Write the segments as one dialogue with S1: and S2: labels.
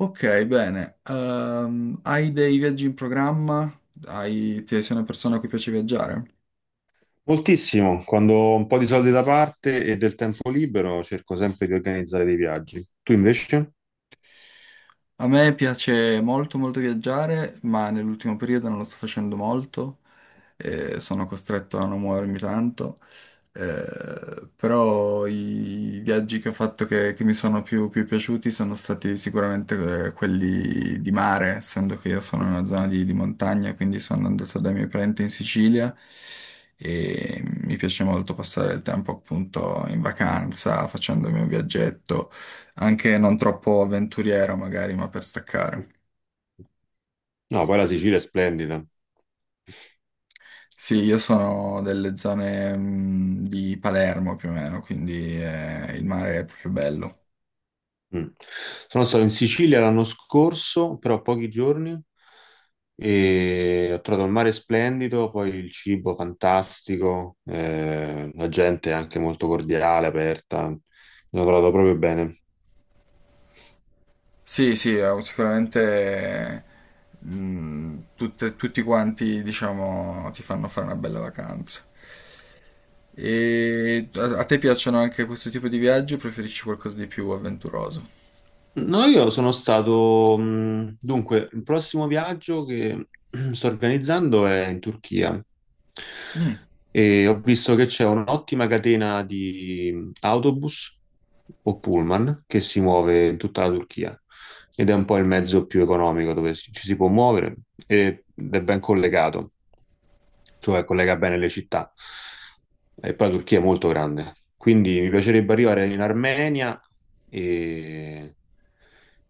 S1: Ok, bene. Hai dei viaggi in programma? Ti sei una persona a cui piace viaggiare?
S2: Moltissimo, quando ho un po' di soldi da parte e del tempo libero cerco sempre di organizzare dei viaggi. Tu invece?
S1: A me piace molto molto viaggiare, ma nell'ultimo periodo non lo sto facendo molto. Sono costretto a non muovermi tanto. Però i viaggi che ho fatto che mi sono più piaciuti sono stati sicuramente quelli di mare, essendo che io sono in una zona di montagna, quindi sono andato dai miei parenti in Sicilia e mi piace molto passare il tempo appunto in vacanza, facendomi un viaggetto anche non troppo avventuriero magari, ma per staccare.
S2: No, poi la Sicilia è splendida.
S1: Sì, io sono delle zone di Palermo più o meno, quindi il mare è proprio bello.
S2: Mm. Sono stato in Sicilia l'anno scorso, però pochi giorni, e ho trovato il mare splendido, poi il cibo fantastico, la gente è anche molto cordiale, aperta. Mi sono trovato proprio bene.
S1: Sì, sì, sicuramente tutti quanti, diciamo, ti fanno fare una bella vacanza. E a te piacciono anche questo tipo di viaggi o preferisci qualcosa di più avventuroso?
S2: No, io sono stato, dunque, il prossimo viaggio che sto organizzando è in Turchia,
S1: Mm.
S2: e ho visto che c'è un'ottima catena di autobus o pullman che si muove in tutta la Turchia ed è un po' il mezzo più economico dove ci si può muovere ed è ben collegato, cioè collega bene le città. E poi la Turchia è molto grande, quindi mi piacerebbe arrivare in Armenia e,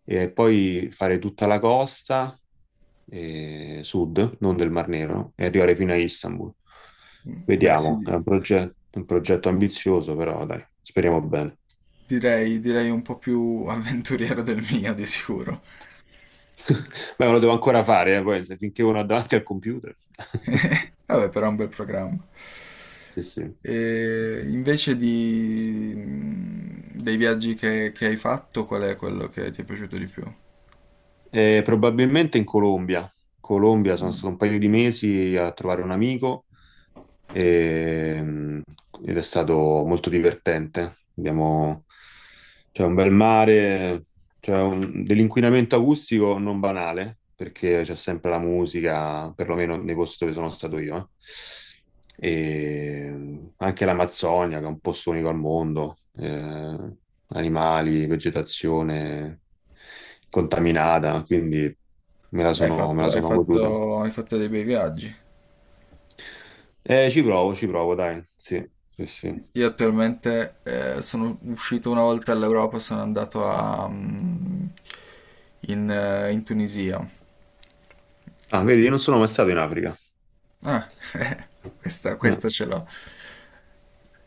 S2: e poi fare tutta la costa sud, non del Mar Nero, e arrivare fino a Istanbul.
S1: Beh,
S2: Vediamo, è un
S1: sì,
S2: progetto, ambizioso, però dai, speriamo bene.
S1: direi un po' più avventuriero del mio, di sicuro.
S2: Beh, me lo devo ancora fare, poi, finché uno ha davanti al computer.
S1: Vabbè, però è un bel programma.
S2: Sì, sì.
S1: E invece dei viaggi che hai fatto, qual è quello che ti è piaciuto di più?
S2: Probabilmente in Colombia. In Colombia sono stato un paio di mesi a trovare un amico e, mh, ed è stato molto divertente. C'è un bel mare, dell'inquinamento acustico non banale, perché c'è sempre la musica, perlomeno nei posti dove sono stato io. E anche l'Amazzonia, che è un posto unico al mondo, animali, vegetazione contaminata, quindi me la
S1: Hai
S2: sono, me
S1: fatto,
S2: la
S1: hai
S2: sono goduta.
S1: fatto- hai fatto dei bei viaggi.
S2: Ci provo, ci provo, dai, sì, sì, sì.
S1: Io attualmente sono uscito una volta all'Europa, sono andato in Tunisia.
S2: Ah, vedi, io non sono mai stato in Africa.
S1: Ah, questa,
S2: Mm.
S1: questa ce l'ho.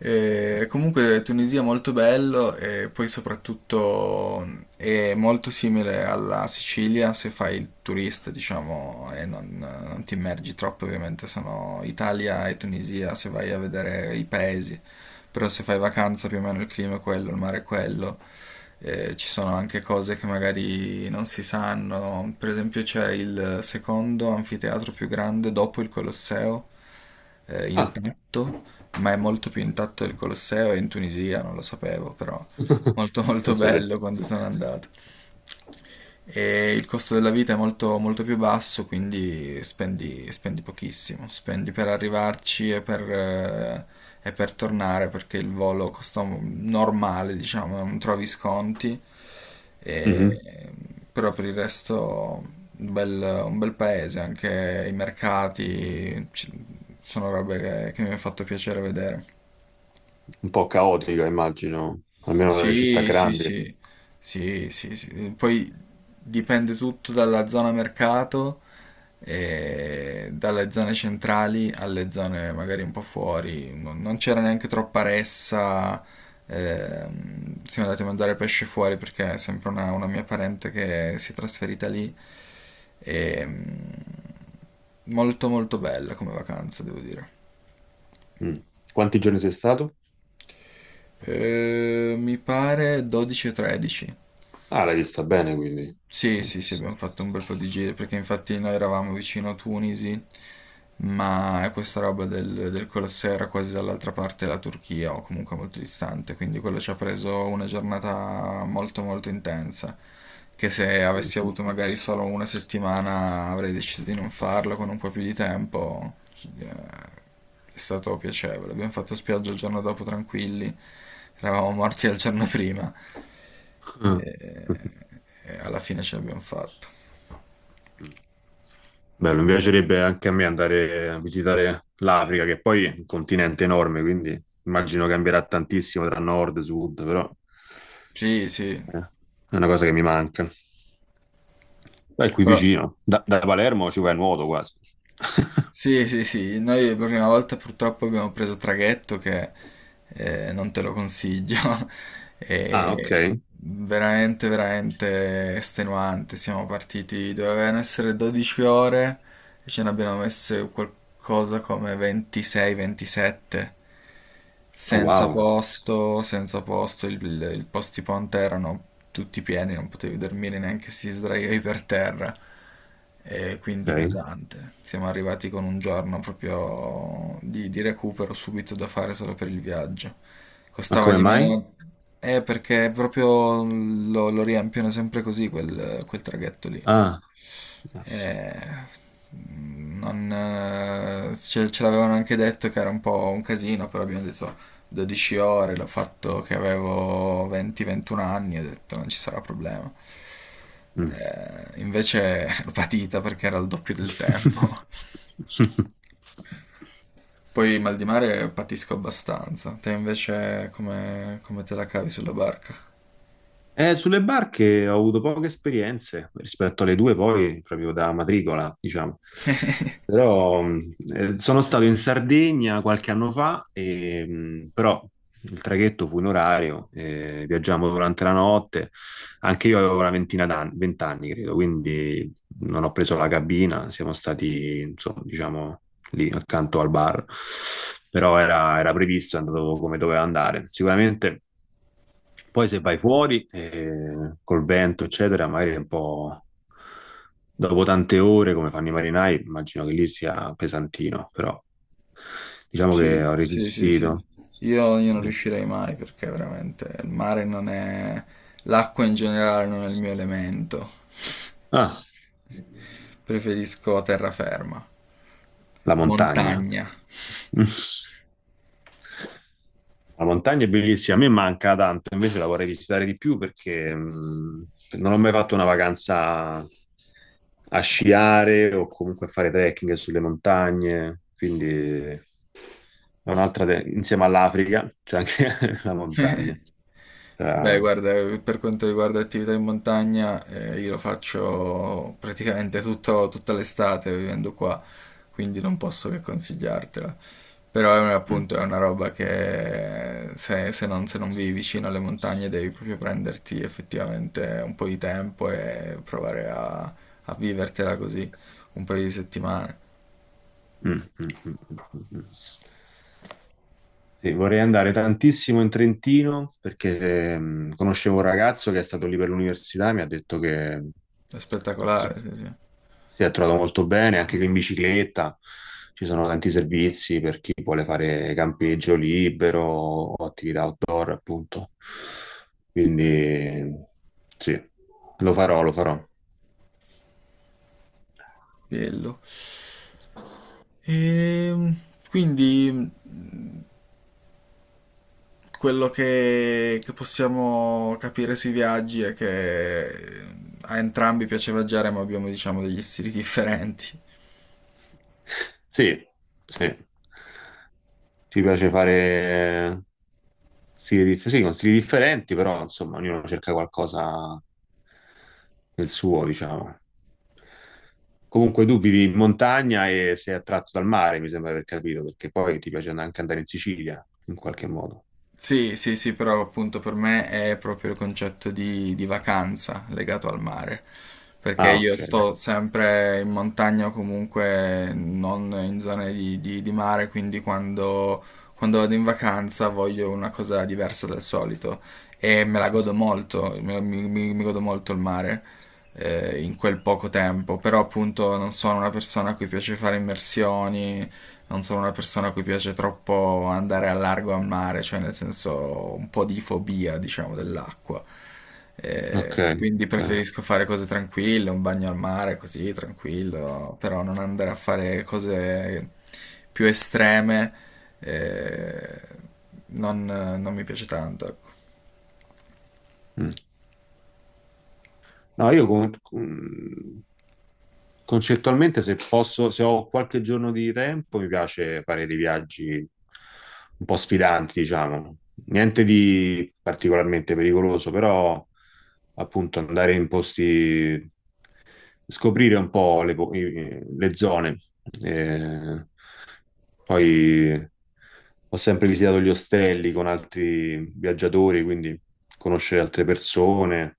S1: Comunque Tunisia è molto bello e poi soprattutto è molto simile alla Sicilia se fai il turista, diciamo, e non ti immergi troppo, ovviamente sono Italia e Tunisia se vai a vedere i paesi, però se fai vacanza più o meno il clima è quello, il mare è quello. Ci sono anche cose che magari non si sanno. Per esempio, c'è il secondo anfiteatro più grande dopo il Colosseo,
S2: Ah,
S1: intatto, ma è molto più intatto del Colosseo, è in Tunisia, non lo sapevo, però molto molto
S2: pensate.
S1: bello quando sono andato. E il costo della vita è molto, molto più basso, quindi spendi pochissimo. Spendi per arrivarci e per tornare, perché il volo costa normale, diciamo, non trovi sconti.
S2: Mhm.
S1: E- Però per il resto un bel paese, anche i mercati, sono robe che mi ha fatto piacere vedere.
S2: Un po' caotica, immagino, almeno nelle città
S1: Sì, sì,
S2: grandi.
S1: sì, sì, sì, sì. Poi dipende tutto dalla zona mercato, e dalle zone centrali alle zone magari un po' fuori. Non c'era neanche troppa ressa. Siamo andati a mangiare pesce fuori perché è sempre una mia parente che si è trasferita lì. E molto molto bella come vacanza, devo dire.
S2: Mm. Quanti giorni sei stato?
S1: Mi pare 12 o 13.
S2: Ah, l'hai vista bene, quindi.
S1: Sì,
S2: Mm.
S1: sì, sì, abbiamo fatto un bel po' di giri perché infatti noi eravamo vicino a Tunisi, ma questa roba del Colosseo era quasi dall'altra parte della Turchia o comunque molto distante, quindi quello ci ha preso una giornata molto molto intensa, che se avessi
S2: Mm.
S1: avuto magari solo una settimana avrei deciso di non farlo con un po' più di tempo. Eh, È stato piacevole, abbiamo fatto spiaggia il giorno dopo tranquilli, eravamo morti il giorno prima. E alla fine ce l'abbiamo fatta.
S2: Mm. Bello, mi piacerebbe anche a me andare a visitare l'Africa, che poi è un continente enorme, quindi immagino cambierà tantissimo tra nord e sud, però.
S1: Sì, sì,
S2: Eh, È una cosa che mi manca. Dai, qui
S1: però
S2: vicino. Da Palermo ci vai a nuoto quasi.
S1: sì, sì, sì, noi la prima volta purtroppo abbiamo preso traghetto che non te lo consiglio.
S2: Ah, ok.
S1: E veramente, veramente estenuante. Siamo partiti, dovevano essere 12 ore e ce ne abbiamo messe qualcosa come 26-27.
S2: Oh,
S1: Senza
S2: wow.
S1: posto, senza posto, i posti ponte erano tutti pieni, non potevi dormire neanche se ti sdraiavi per terra, e quindi
S2: Ok.
S1: pesante. Siamo arrivati con un giorno proprio di recupero subito da fare solo per il viaggio.
S2: Ma
S1: Costava
S2: come
S1: di
S2: mai?
S1: meno. Perché proprio lo riempiono sempre così quel traghetto lì.
S2: Ah. Yes.
S1: Eh, non, Ce l'avevano anche detto che era un po' un casino, però abbiamo detto 12 ore, l'ho fatto che avevo 20-21 anni, ho detto non ci sarà problema.
S2: Mm.
S1: Invece l'ho patita perché era il doppio del tempo. Poi mal di mare patisco abbastanza. Te invece come te la cavi sulla barca?
S2: Sulle barche ho avuto poche esperienze rispetto alle due, poi proprio da matricola, diciamo. Però sono stato in Sardegna qualche anno fa, e, però il traghetto fu in orario, viaggiamo durante la notte. Anche io avevo una ventina d'anni, vent'anni credo, quindi non ho preso la cabina, siamo stati, insomma, diciamo, lì accanto al bar. Però era previsto, è andato come doveva andare. Sicuramente. Poi se vai fuori, col vento, eccetera, magari è un po' dopo tante ore, come fanno i marinai, immagino che lì sia pesantino, però diciamo che
S1: Sì,
S2: ho
S1: sì, sì, sì.
S2: resistito.
S1: Io non
S2: Eh,
S1: riuscirei mai perché veramente il mare non è. L'acqua in generale non è il mio elemento.
S2: Ah,
S1: Preferisco terraferma,
S2: la montagna.
S1: montagna.
S2: La montagna è bellissima, a me manca tanto, invece la vorrei visitare di più perché non ho mai fatto una vacanza a sciare o comunque a fare trekking sulle montagne, quindi è un'altra, insieme all'Africa, c'è anche la montagna.
S1: Beh,
S2: Tra-
S1: guarda, per quanto riguarda attività in montagna, io lo faccio praticamente tutta l'estate vivendo qua, quindi non posso che consigliartela. Però è
S2: mm,
S1: appunto è una roba che se non vivi vicino alle montagne devi proprio prenderti effettivamente un po' di tempo e provare a vivertela così un paio di settimane.
S2: mm, mm, mm, mm, mm. Sì, vorrei andare tantissimo in Trentino perché conoscevo un ragazzo che è stato lì per l'università e mi ha detto che
S1: È spettacolare, sì, sì.
S2: si è trovato molto bene anche in bicicletta. Ci sono tanti servizi per chi vuole fare campeggio libero o attività outdoor, appunto. Quindi sì, lo farò, lo farò.
S1: Bello. Ehm, quindi quello che possiamo capire sui viaggi è che a entrambi piace viaggiare, ma abbiamo, diciamo, degli stili differenti.
S2: Sì, sì. Ci piace fare stili, sì, con stili differenti, però insomma, ognuno cerca qualcosa del suo, diciamo. Comunque tu vivi in montagna e sei attratto dal mare, mi sembra di aver capito, perché poi ti piace anche andare in Sicilia, in qualche modo.
S1: Sì, sì, sì, però appunto per me è proprio il concetto di vacanza legato al mare, perché
S2: Ah,
S1: io
S2: ok.
S1: sto sempre in montagna o comunque non in zone di mare, quindi quando vado in vacanza voglio una cosa diversa dal solito e me la
S2: Ci sta.
S1: godo molto. Mi godo molto il mare in quel poco tempo, però appunto non sono una persona a cui piace fare immersioni, non sono una persona a cui piace troppo andare al largo al mare, cioè nel senso un po' di fobia, diciamo, dell'acqua.
S2: Ok,
S1: Quindi
S2: ok.
S1: preferisco fare cose tranquille, un bagno al mare così, tranquillo, però non andare a fare cose più estreme. eh, non mi piace tanto, ecco.
S2: Mm. No, io concettualmente se posso, se ho qualche giorno di tempo, mi piace fare dei viaggi un po' sfidanti, diciamo. Niente di particolarmente pericoloso, però appunto andare in posti, scoprire un po' le zone. Eh, Poi ho sempre visitato gli ostelli con altri viaggiatori, quindi conoscere altre persone,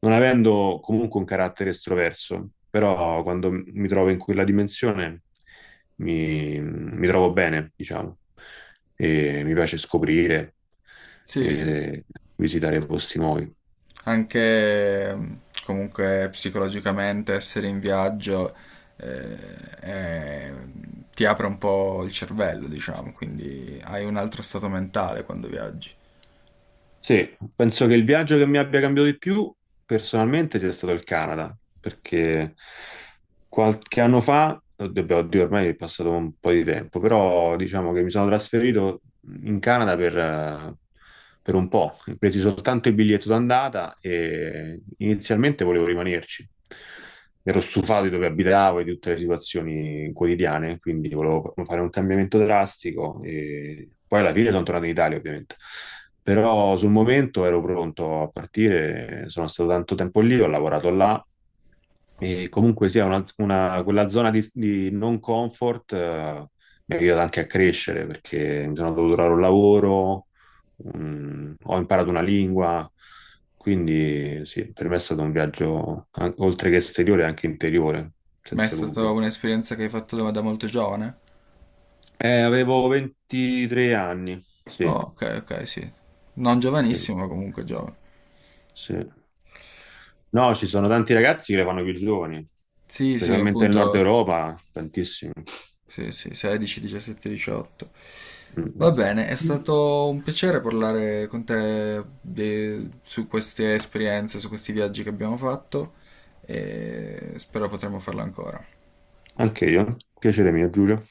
S2: non avendo comunque un carattere estroverso, però quando mi trovo in quella dimensione mi trovo bene, diciamo, e mi piace scoprire
S1: Sì, sì.
S2: e visitare posti nuovi.
S1: Anche comunque psicologicamente essere in viaggio ti apre un po' il cervello, diciamo, quindi hai un altro stato mentale quando viaggi.
S2: Sì, penso che il viaggio che mi abbia cambiato di più personalmente sia stato il Canada, perché qualche anno fa, oddio, beh, oddio, ormai è passato un po' di tempo, però diciamo che mi sono trasferito in Canada per un po'. Ho preso soltanto il biglietto d'andata e inizialmente volevo rimanerci. Ero stufato di dove abitavo e di tutte le situazioni quotidiane, quindi volevo fare un cambiamento drastico e poi alla fine sono tornato in Italia, ovviamente. Però sul momento ero pronto a partire, sono stato tanto tempo lì, ho lavorato là e comunque sia una, quella zona di, non comfort mi ha aiutato anche a crescere perché mi sono dovuto trovare un lavoro, ho imparato una lingua, quindi sì, per me è stato un viaggio oltre che esteriore anche interiore,
S1: Ma è
S2: senza
S1: stata
S2: dubbio.
S1: un'esperienza che hai fatto da molto giovane?
S2: Avevo 23 anni,
S1: Oh,
S2: sì,
S1: ok, ok, sì. Non
S2: sì,
S1: giovanissimo, ma comunque giovane.
S2: sì. No, ci sono tanti ragazzi che le fanno più giovani,
S1: Sì, sì,
S2: specialmente nel nord
S1: appunto.
S2: Europa, tantissimi.
S1: Sì, sì, 16, 17, 18.
S2: Mm,
S1: Va bene, è
S2: mm.
S1: stato un piacere parlare con te su queste esperienze, su questi viaggi che abbiamo fatto e spero potremo farlo ancora.
S2: Anche io. Piacere mio, Giulio.